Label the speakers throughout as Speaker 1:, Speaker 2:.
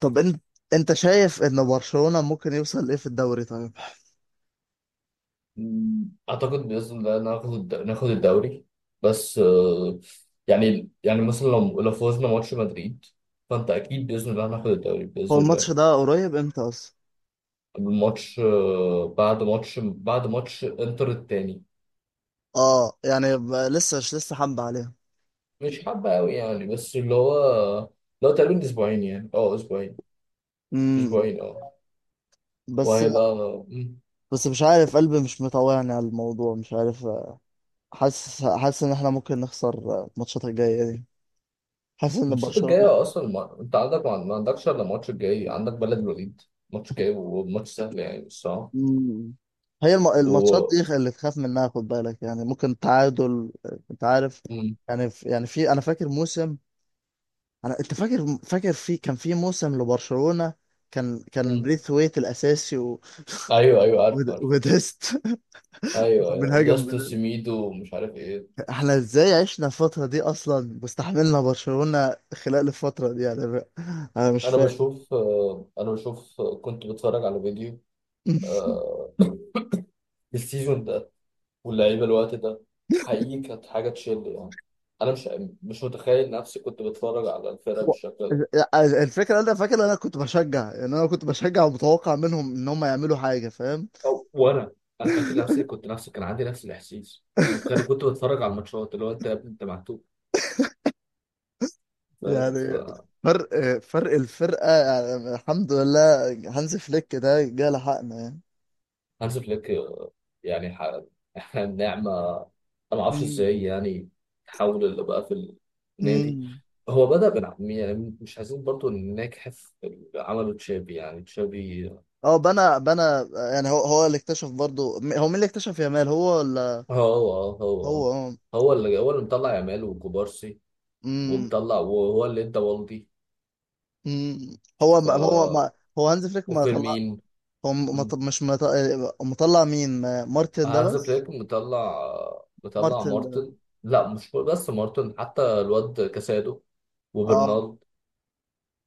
Speaker 1: طب انت شايف ان برشلونة ممكن يوصل ايه في الدوري؟ طيب،
Speaker 2: مم. اعتقد باذن الله ناخد الدوري. بس يعني مثلا لو فوزنا ماتش مدريد، فانت اكيد باذن الله هناخد الدوري
Speaker 1: هو
Speaker 2: باذن
Speaker 1: الماتش
Speaker 2: الله.
Speaker 1: ده قريب امتى اصلا؟
Speaker 2: الماتش بعد ماتش انتر التاني.
Speaker 1: اه يعني لسه مش لسه حمد عليها.
Speaker 2: مش حابه قوي يعني، بس اللي هو لو تقريبا اسبوعين، يعني اسبوعين
Speaker 1: امم
Speaker 2: اسبوعين
Speaker 1: بس
Speaker 2: وهيبقى. مم.
Speaker 1: بس مش عارف، قلبي مش مطوعني على الموضوع، مش عارف. حاسس ان احنا ممكن نخسر الماتشات الجاية دي. حاسس ان
Speaker 2: الماتشات
Speaker 1: برشلونة.
Speaker 2: الجايه اصلا ما... انت عندك ما عندكش الا الماتش الجاي، عندك بلد الوليد. ماتش جاي وماتش سهل يعني الصراحه.
Speaker 1: مم. هي الماتشات
Speaker 2: و...
Speaker 1: دي اللي تخاف منها، خد بالك يعني ممكن تعادل. انت عارف، يعني في انا فاكر موسم. انت فاكر في كان في موسم لبرشلونة، كان
Speaker 2: مم.
Speaker 1: بريث ويت الاساسي
Speaker 2: ايوه، ايوه، عارف عارف.
Speaker 1: وديست.
Speaker 2: ايوه، ايوه،
Speaker 1: بنهاجم
Speaker 2: ديستو
Speaker 1: بن-
Speaker 2: سيميدو ومش عارف ايه.
Speaker 1: احنا ازاي عشنا الفترة دي اصلا واستحملنا برشلونة خلال الفترة دي يعني؟ انا مش فاهم.
Speaker 2: انا بشوف كنت بتفرج على فيديو. آه، السيزون ده واللعيبه الوقت ده، حقيقي كانت حاجه تشل يعني. انا مش متخيل نفسي كنت بتفرج على الفرقه
Speaker 1: و-
Speaker 2: بالشكل ده.
Speaker 1: الفكرة، انا فاكر انا كنت بشجع، يعني انا كنت بشجع ومتوقع منهم ان هم يعملوا حاجة، فاهم.
Speaker 2: أو وانا، انا فاكر نفسي كان عندي نفس الاحساس، كنت بتفرج على الماتشات، اللي هو انت يا ابني انت معتوه، فاهم.
Speaker 1: يعني فرق فرق الفرقة، يعني الحمد لله هانز فليك ده جه لحقنا يعني.
Speaker 2: هانز فليك يعني احنا النعمة. انا ما اعرفش
Speaker 1: مم.
Speaker 2: ازاي يعني تحول اللي بقى في النادي.
Speaker 1: مم.
Speaker 2: هو بدأ يعني مش عايزين برضو نجحف في اللي عمله تشابي، يعني تشابي.
Speaker 1: اه بنى. يعني هو اللي اكتشف برضه، هو مين اللي اكتشف يامال، هو ولا؟
Speaker 2: هو هو
Speaker 1: هو، اه.
Speaker 2: هو اللي مطلع يامال وكوبارسي،
Speaker 1: امم.
Speaker 2: ومطلع، وهو اللي ادى والدي.
Speaker 1: امم. هو ما هو
Speaker 2: ف
Speaker 1: ما هو هانز فليك ما طلع.
Speaker 2: وفيرمين.
Speaker 1: هو م- ما ط-
Speaker 2: مم.
Speaker 1: مش ما ط- مطلع مين مارتن ده
Speaker 2: هانز
Speaker 1: بس.
Speaker 2: فليك مطلع
Speaker 1: مارتن ده،
Speaker 2: مارتن. لا، مش بس مارتن، حتى الواد كاسادو
Speaker 1: اه.
Speaker 2: وبرنارد.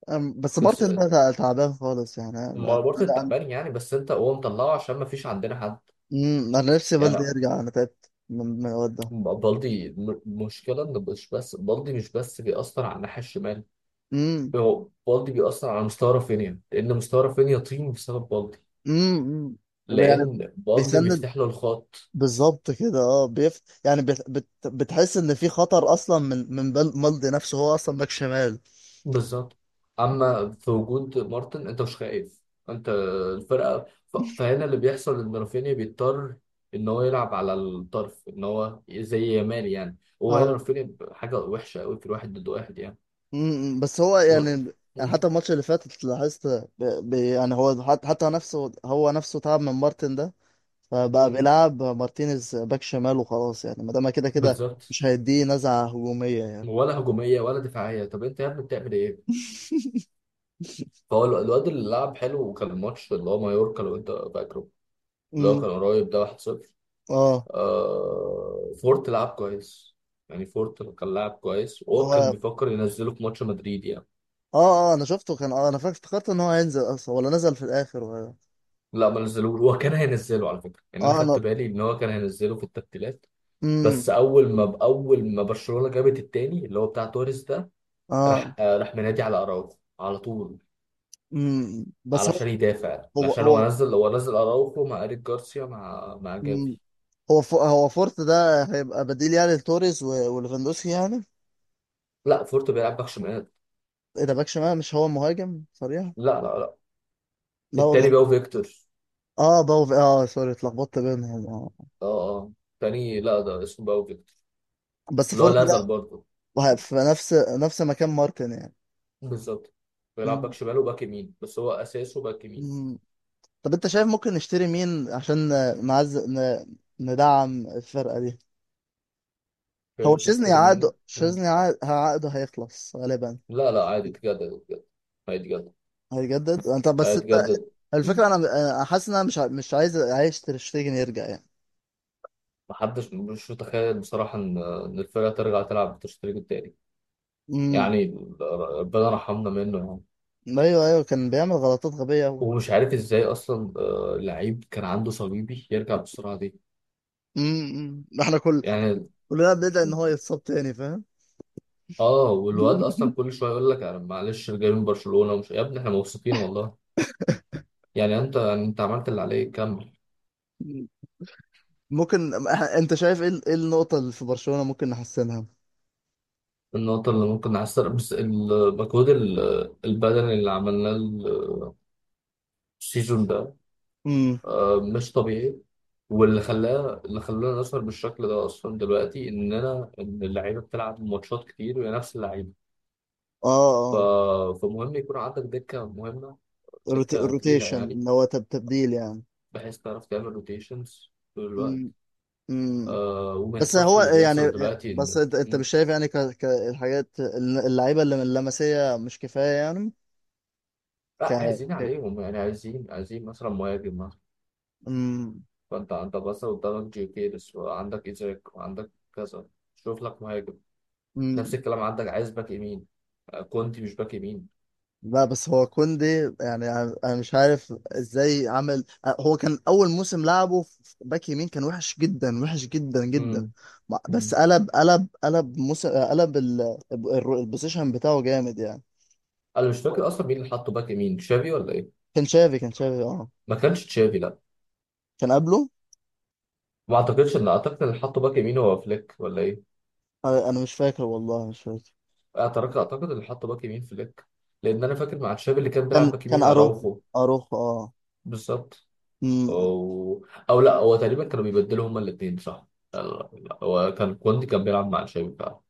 Speaker 1: أم، بس
Speaker 2: كاس
Speaker 1: مارتن ده تعبان خالص يعني.
Speaker 2: ما
Speaker 1: انا
Speaker 2: برضه
Speaker 1: انا انا
Speaker 2: التعبان يعني، بس انت هو مطلعه عشان ما فيش عندنا حد.
Speaker 1: أمم، أنا نفسي
Speaker 2: يعني
Speaker 1: بلدي يرجع، انا تعبت من الواد ده.
Speaker 2: بالدي مشكلة ان مش بس بالدي، مش بس بيأثر على الناحية الشمال.
Speaker 1: امم.
Speaker 2: هو بالدي بيأثر على مستوى رافينيا، لأن مستوى رافينيا طين بسبب بالدي،
Speaker 1: امم. أمم. يعني
Speaker 2: لأن بالدي
Speaker 1: بيسند،
Speaker 2: بيفتح له الخط.
Speaker 1: بالظبط كده. اه بيف... يعني بت... بت... بتحس ان في خطر اصلا من مالدي نفسه، هو اصلا باك شمال.
Speaker 2: بالظبط. أما في وجود مارتن أنت مش خايف. أنت الفرقة فهنا اللي بيحصل، إن رافينيا بيضطر إن هو يلعب على الطرف، إن هو زي يامال يعني، وهنا
Speaker 1: اه.
Speaker 2: رافينيا حاجة وحشة أوي في الواحد ضد واحد يعني.
Speaker 1: بس هو
Speaker 2: و...
Speaker 1: يعني. يعني
Speaker 2: مم.
Speaker 1: حتى الماتش اللي فات لاحظت يعني هو حتى نفسه تعب من مارتن ده، فبقى
Speaker 2: مم.
Speaker 1: بيلعب مارتينيز باك شمال وخلاص يعني، ما دام كده كده
Speaker 2: بالظبط.
Speaker 1: مش هيديه نزعة هجومية يعني.
Speaker 2: ولا هجوميه ولا دفاعيه. طب انت يا ابني بتعمل ايه؟ فهو الواد اللي لعب حلو، وكان الماتش اللي هو مايوركا لو انت فاكره، اللي هو
Speaker 1: امم.
Speaker 2: كان قريب ده 1-0.
Speaker 1: اه
Speaker 2: فورت لعب كويس يعني، فورت كان لاعب كويس، وهو
Speaker 1: هو
Speaker 2: كان
Speaker 1: اه.
Speaker 2: بيفكر ينزله في ماتش مدريد يعني.
Speaker 1: اه انا شفته كان، اه انا فاكر افتكرت ان هو هينزل اصلا، ولا نزل في الاخر ولا؟
Speaker 2: لا، ما نزلوه. هو كان هينزله على فكره يعني، انا
Speaker 1: اه، انا
Speaker 2: خدت بالي ان هو كان هينزله في التبديلات، بس
Speaker 1: امم
Speaker 2: اول ما برشلونه جابت التاني اللي هو بتاع توريس ده،
Speaker 1: اه.
Speaker 2: راح منادي على اراوخو على طول،
Speaker 1: بس هو
Speaker 2: علشان يدافع،
Speaker 1: هو
Speaker 2: عشان هو
Speaker 1: هو
Speaker 2: نزل هو نزل اراوخو مع ايريك جارسيا، مع
Speaker 1: مم.
Speaker 2: جافي.
Speaker 1: هو هو فورت ده هيبقى بديل يعني لتوريز وليفاندوسكي يعني؟
Speaker 2: لا، فورت بيلعب باك شمال.
Speaker 1: ايه ده باك شمال؟ مش هو مهاجم صريح؟
Speaker 2: لا، لا، لا.
Speaker 1: لا
Speaker 2: التاني
Speaker 1: والله.
Speaker 2: باو فيكتور.
Speaker 1: اه باو، اه سوري اتلخبطت بينهم اه.
Speaker 2: اه، اه. التاني لا، ده اسمه باو فيكتور.
Speaker 1: بس
Speaker 2: اللي هو
Speaker 1: فورت ده،
Speaker 2: نزل برضه.
Speaker 1: في نفس مكان مارتن يعني.
Speaker 2: بالظبط، بيلعب باك
Speaker 1: مم.
Speaker 2: شمال وباك يمين، بس هو اساسه باك يمين.
Speaker 1: مم. طب انت شايف ممكن نشتري مين عشان ندعم الفرقة دي؟ هو
Speaker 2: شايف
Speaker 1: شيزني
Speaker 2: نشتري
Speaker 1: عقده،
Speaker 2: مين. مم.
Speaker 1: شيزني عقده هيخلص غالبا.
Speaker 2: لا، لا، عادي اتجدد، اتجدد. هيتجدد.
Speaker 1: هيجدد، انت بس انت،
Speaker 2: هيتجدد. مم.
Speaker 1: الفكره انا، انا حاسس ان انا مش عايز عايش تر شتيجن يرجع يعني.
Speaker 2: محدش مش متخيل بصراحة إن الفرقة ترجع تلعب بالتشتريك التاني
Speaker 1: امم.
Speaker 2: يعني. ربنا رحمنا منه.
Speaker 1: ايوه ايوه كان بيعمل غلطات غبيه قوي.
Speaker 2: ومش عارف ازاي اصلا، لعيب كان عنده صليبي يرجع بالسرعه دي
Speaker 1: امم، احنا كل
Speaker 2: يعني.
Speaker 1: كلنا بندعي ان هو يتصاب تاني، فاهم.
Speaker 2: اه والواد اصلا كل شويه يقول لك انا معلش جاي من برشلونه ومش، يا ابني احنا مبسوطين والله. يعني انت عملت اللي عليك كمل.
Speaker 1: ممكن، انت شايف ايه ايه النقطه اللي في برشلونه ممكن نحسنها؟
Speaker 2: النقطه اللي ممكن نحسن بس المجهود البدني اللي عملناه السيزون ده
Speaker 1: امم.
Speaker 2: مش طبيعي. واللي خلاه اللي خلانا نظهر بالشكل ده اصلا دلوقتي، ان اللعيبه بتلعب ماتشات كتير وهي نفس اللعيبه.
Speaker 1: اه.
Speaker 2: ف...
Speaker 1: اه.
Speaker 2: فمهم يكون عندك دكه مهمه، دكة تقيلة
Speaker 1: الروتيشن،
Speaker 2: يعني،
Speaker 1: اللي هو تبديل يعني.
Speaker 2: بحيث تعرف تعمل روتيشنز طول الوقت.
Speaker 1: امم. امم.
Speaker 2: وما
Speaker 1: بس
Speaker 2: يحصلش
Speaker 1: هو
Speaker 2: اللي
Speaker 1: يعني،
Speaker 2: بيحصل دلوقتي
Speaker 1: بس
Speaker 2: إن.
Speaker 1: انت انت
Speaker 2: مم.
Speaker 1: مش شايف يعني الحاجات اللعيبه اللي من اللمسيه مش كفايه يعني؟ ك...
Speaker 2: لا، عايزين
Speaker 1: ك...
Speaker 2: عليهم يعني، عايزين مثلا مهاجم مثلا.
Speaker 1: أم.
Speaker 2: فأنت بس قدامك جي كيرس، وعندك إيزاك، وعندك كذا. شوف لك مهاجم. نفس
Speaker 1: أم.
Speaker 2: الكلام، عندك عايز باك يمين. كونتي مش باك يمين.
Speaker 1: لا بس هو كوندي، يعني انا أنا مش عارف ازاي عمل. هو كان اول موسم لعبه في باك يمين، كان وحش جدا، وحش جدا جدا.
Speaker 2: مم.
Speaker 1: بس
Speaker 2: مم.
Speaker 1: قلب موسم، قلب ال، البوزيشن بتاعه جامد يعني.
Speaker 2: أنا مش فاكر أصلا مين اللي حطه باك يمين، تشافي ولا إيه؟
Speaker 1: كان شافي اه،
Speaker 2: ما كانش تشافي، لا.
Speaker 1: كان قبله.
Speaker 2: ما أعتقدش إن أعتقد اللي حطه باك يمين هو فليك ولا إيه؟
Speaker 1: أنا مش فاكر والله، مش فاكر.
Speaker 2: اعترضت. اعتقد اللي حط باك يمين فليك، لان انا فاكر مع تشافي اللي كان بيلعب
Speaker 1: كان
Speaker 2: باك
Speaker 1: كان
Speaker 2: يمين
Speaker 1: اروخو،
Speaker 2: اراوخو.
Speaker 1: اروخو اه.
Speaker 2: بالظبط.
Speaker 1: أمم.
Speaker 2: او او لا، هو تقريبا كانوا بيبدلوا هما الاثنين، صح. لا، لا، هو كان كوندي كان بيلعب مع تشافي فعلا.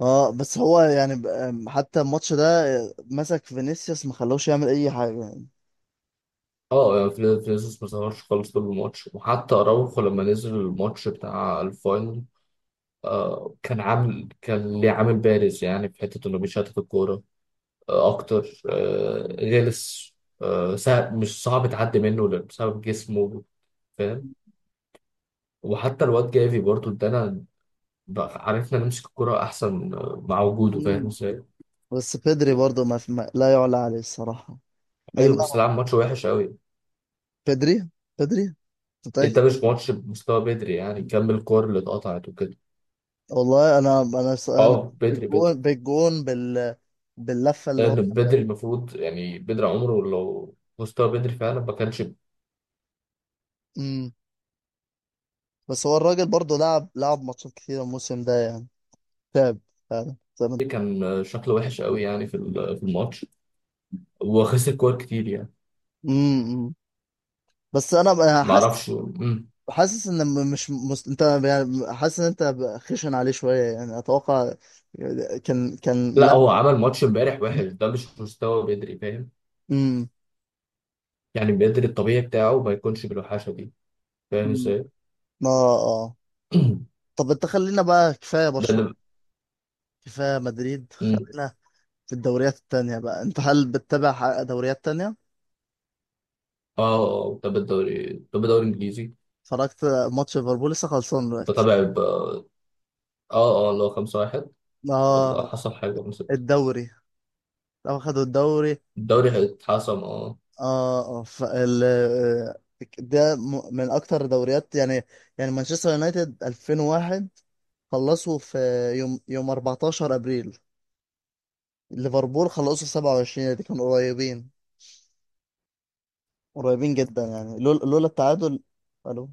Speaker 1: اه بس هو يعني ب- أم، حتى الماتش ده مسك فينيسيوس ما خلوش يعمل اي حاجه يعني.
Speaker 2: اه يعني فينيسيوس ما ظهرش خالص طول الماتش، وحتى اراوخو لما نزل الماتش بتاع الفاينل، كان ليه عامل بارز يعني في حته انه بيشتت الكوره، اكتر، غلس، سهل مش صعب تعدي منه بسبب جسمه، فاهم. وحتى الواد جافي برضه ادانا. عرفنا نمسك الكرة احسن مع وجوده. فاهم
Speaker 1: مم.
Speaker 2: ازاي؟
Speaker 1: بس بدري برضه، ما في ما لا يعلى عليه الصراحة. إيه،
Speaker 2: ايوه، بس
Speaker 1: لا.
Speaker 2: لعب ماتش وحش قوي.
Speaker 1: بدري، بدري
Speaker 2: انت
Speaker 1: متأكد.
Speaker 2: مش ماتش بمستوى بدري يعني، كمل الكور اللي اتقطعت وكده.
Speaker 1: والله أنا، أنا
Speaker 2: اه بدري، بدري،
Speaker 1: بالجون بال، باللفة اللي هو.
Speaker 2: لان بدري المفروض، يعني بدري عمره لو مستوى بدري فعلا ما كانش.
Speaker 1: مم. بس هو الراجل برضه لعب، لعب ماتشات كتيرة الموسم ده يعني، تعب، فعلا زي
Speaker 2: فبدري
Speaker 1: ما أنت بتقول.
Speaker 2: كان شكله وحش قوي يعني، في الماتش، وخسر كور كتير يعني.
Speaker 1: امم. بس أنا بقى حاسس،
Speaker 2: معرفش. مم.
Speaker 1: حاسس ان مش انت يعني، حاسس ان انت بقى خشن عليه شويه يعني، اتوقع. كان كان،
Speaker 2: لا،
Speaker 1: لا.
Speaker 2: هو عمل ماتش امبارح وحش. ده مش مستوى بدري فاهم.
Speaker 1: امم.
Speaker 2: يعني بدري الطبيعي بتاعه ما يكونش بالوحشة دي. فاهم ازاي.
Speaker 1: ما اه. آه.
Speaker 2: ده
Speaker 1: طب انت خلينا بقى كفايه برشلونه،
Speaker 2: اللي.
Speaker 1: كفايه مدريد،
Speaker 2: مم.
Speaker 1: خلينا في الدوريات التانية بقى. انت هل بتتابع دوريات تانية؟
Speaker 2: اه، اه، بتابع الدوري الانجليزي.
Speaker 1: اتفرجت ماتش ليفربول لسه خلصان دلوقتي.
Speaker 2: بتابع اه، اه. اللي هو 5-1. والله
Speaker 1: اه
Speaker 2: حصل حاجة من ستة.
Speaker 1: الدوري لو خدوا الدوري.
Speaker 2: الدوري هيتحسم اه.
Speaker 1: اه اه آه، ده من اكتر دوريات يعني. يعني مانشستر يونايتد 2001 خلصوا في يوم 14 ابريل، ليفربول خلصوا 27، دي كانوا قريبين، قريبين جدا يعني، لولا التعادل. الو،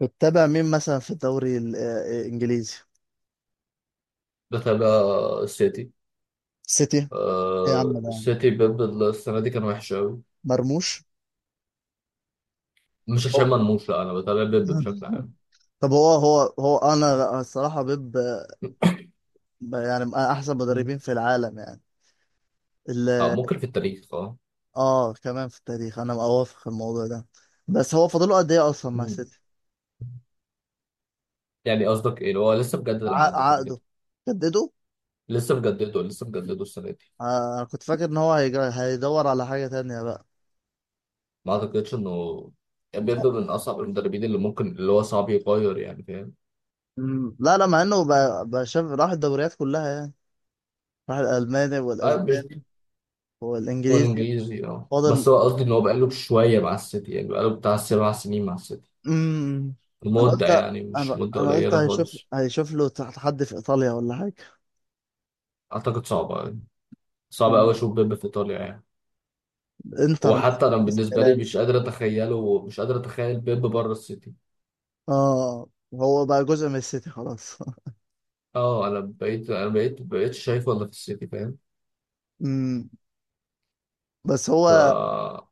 Speaker 1: بتتابع مين مثلا في الدوري الانجليزي؟
Speaker 2: بتابع السيتي.
Speaker 1: سيتي، ايه يا عم ده يا عم؟
Speaker 2: السيتي بيب السنة دي كان وحش أوي.
Speaker 1: مرموش.
Speaker 2: مش عشان
Speaker 1: أوه.
Speaker 2: مرموش، لا، أنا بتابع بيب بشكل عام.
Speaker 1: طب هو انا الصراحه بيب يعني من احسن
Speaker 2: مم.
Speaker 1: مدربين في العالم يعني.
Speaker 2: اه
Speaker 1: ال-
Speaker 2: ممكن في التاريخ اه.
Speaker 1: اه كمان في التاريخ، انا اوافق في الموضوع ده. بس هو فاضله قد ايه اصلا مع
Speaker 2: مم.
Speaker 1: سيتي؟
Speaker 2: يعني قصدك ايه؟ هو لسه مجدد العقد كده كده.
Speaker 1: عقده جدده.
Speaker 2: لسه مجدده، لسه مجدده السنه دي.
Speaker 1: آه أنا كنت فاكر ان هو هيدور على حاجه تانية بقى.
Speaker 2: ما اعتقدش انه، يعني بيبدو من اصعب المدربين، اللي هو صعب يغير يعني، فاهم.
Speaker 1: مم. لا لا مع انه بقى شاف، راح الدوريات كلها يعني، راح الالماني
Speaker 2: مش
Speaker 1: والاسباني
Speaker 2: دكتور
Speaker 1: والانجليزي.
Speaker 2: انجليزي. اه
Speaker 1: فاضل
Speaker 2: بس هو قصدي ان هو بقاله شويه مع السيتي، يعني بقاله بتاع 7 سنين مع السيتي.
Speaker 1: امم. انا
Speaker 2: مده
Speaker 1: قلت،
Speaker 2: يعني، مش
Speaker 1: انا
Speaker 2: مده
Speaker 1: انا قلت
Speaker 2: قليله
Speaker 1: هيشوف،
Speaker 2: خالص.
Speaker 1: هيشوف له تحت حد في ايطاليا ولا حاجه.
Speaker 2: اعتقد صعبه يعني، صعب قوي
Speaker 1: مم.
Speaker 2: اشوف بيب في ايطاليا يعني.
Speaker 1: انتر
Speaker 2: وحتى
Speaker 1: مثلا
Speaker 2: انا
Speaker 1: في
Speaker 2: بالنسبه لي
Speaker 1: ميلان.
Speaker 2: مش قادر اتخيل بيب بره السيتي.
Speaker 1: اه هو بقى جزء من السيتي خلاص.
Speaker 2: اه، انا بقيتش شايفه الا في السيتي، فاهم.
Speaker 1: امم. بس هو،
Speaker 2: ف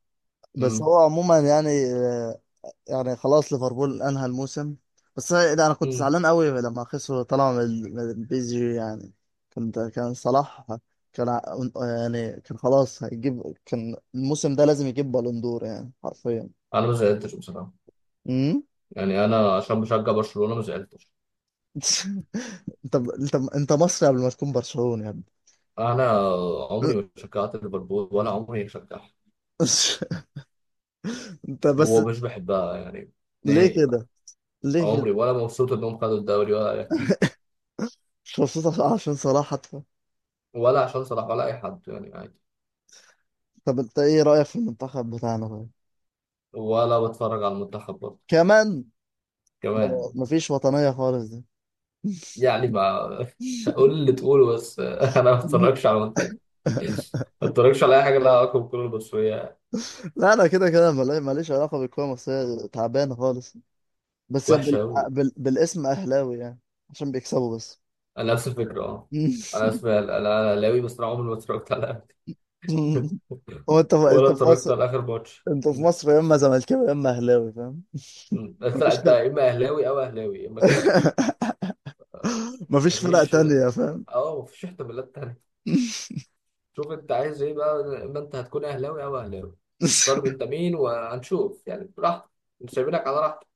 Speaker 1: بس
Speaker 2: مم.
Speaker 1: هو عموما يعني آه، يعني خلاص ليفربول انهى الموسم. بس ده انا كنت
Speaker 2: مم.
Speaker 1: زعلان قوي لما خسروا طلعوا من بي إس جي يعني. كنت كان صلاح كان يعني كان خلاص هيجيب، كان الموسم ده لازم يجيب بالون دور يعني حرفيا.
Speaker 2: انا ما زعلتش بصراحه،
Speaker 1: امم.
Speaker 2: يعني انا عشان بشجع برشلونه ما زعلتش.
Speaker 1: انت مصري قبل ما تكون برشلوني يا ابني.
Speaker 2: انا عمري ما شجعت ليفربول، ولا عمري شجعت.
Speaker 1: انت بس،
Speaker 2: هو مش بحبها يعني،
Speaker 1: ليه
Speaker 2: نهائي بقى.
Speaker 1: كده؟ ليه كده؟
Speaker 2: عمري، ولا مبسوط انهم خدوا الدوري، ولا اي حاجه،
Speaker 1: مش مبسوط عشان صلاح حتى؟
Speaker 2: ولا عشان صلاح، ولا اي حد يعني، عادي.
Speaker 1: طب انت ايه رأيك في المنتخب بتاعنا طيب؟
Speaker 2: ولا بتفرج على المنتخب برضه
Speaker 1: كمان،
Speaker 2: كمان.
Speaker 1: اه، مفيش وطنية خالص دي.
Speaker 2: يعني ما مش هقول اللي تقوله بس، انا ما بتفرجش على المنتخب، ما بتفرجش على اي حاجه لها علاقه بالكوره المصريه.
Speaker 1: لا انا كده كده ماليش علاقة بالكورة المصرية، تعبانة خالص. بس هي بال،
Speaker 2: وحشه قوي.
Speaker 1: بالاسم اهلاوي يعني، عشان بيكسبوا بس.
Speaker 2: انا نفس الفكره اه. انا اهلاوي، بس انا عمري ما اتفرجت على الأهلي.
Speaker 1: هو انت، انت
Speaker 2: ولا
Speaker 1: في
Speaker 2: اتفرجت
Speaker 1: مصر،
Speaker 2: على اخر ماتش.
Speaker 1: انت في
Speaker 2: م.
Speaker 1: مصر يا اما زملكاوي يا اما اهلاوي، فاهم.
Speaker 2: م. انت
Speaker 1: مفيش
Speaker 2: انت
Speaker 1: فرق.
Speaker 2: يا اما اهلاوي او اهلاوي، يا اما كده او كده.
Speaker 1: مفيش فرق
Speaker 2: مفيش.
Speaker 1: تانية، فاهم.
Speaker 2: اه مفيش احتمالات تانية. شوف انت عايز ايه بقى، ما انت هتكون اهلاوي او اهلاوي. طالب انت مين وهنشوف يعني، براحتك. مش سايبينك على راحتك.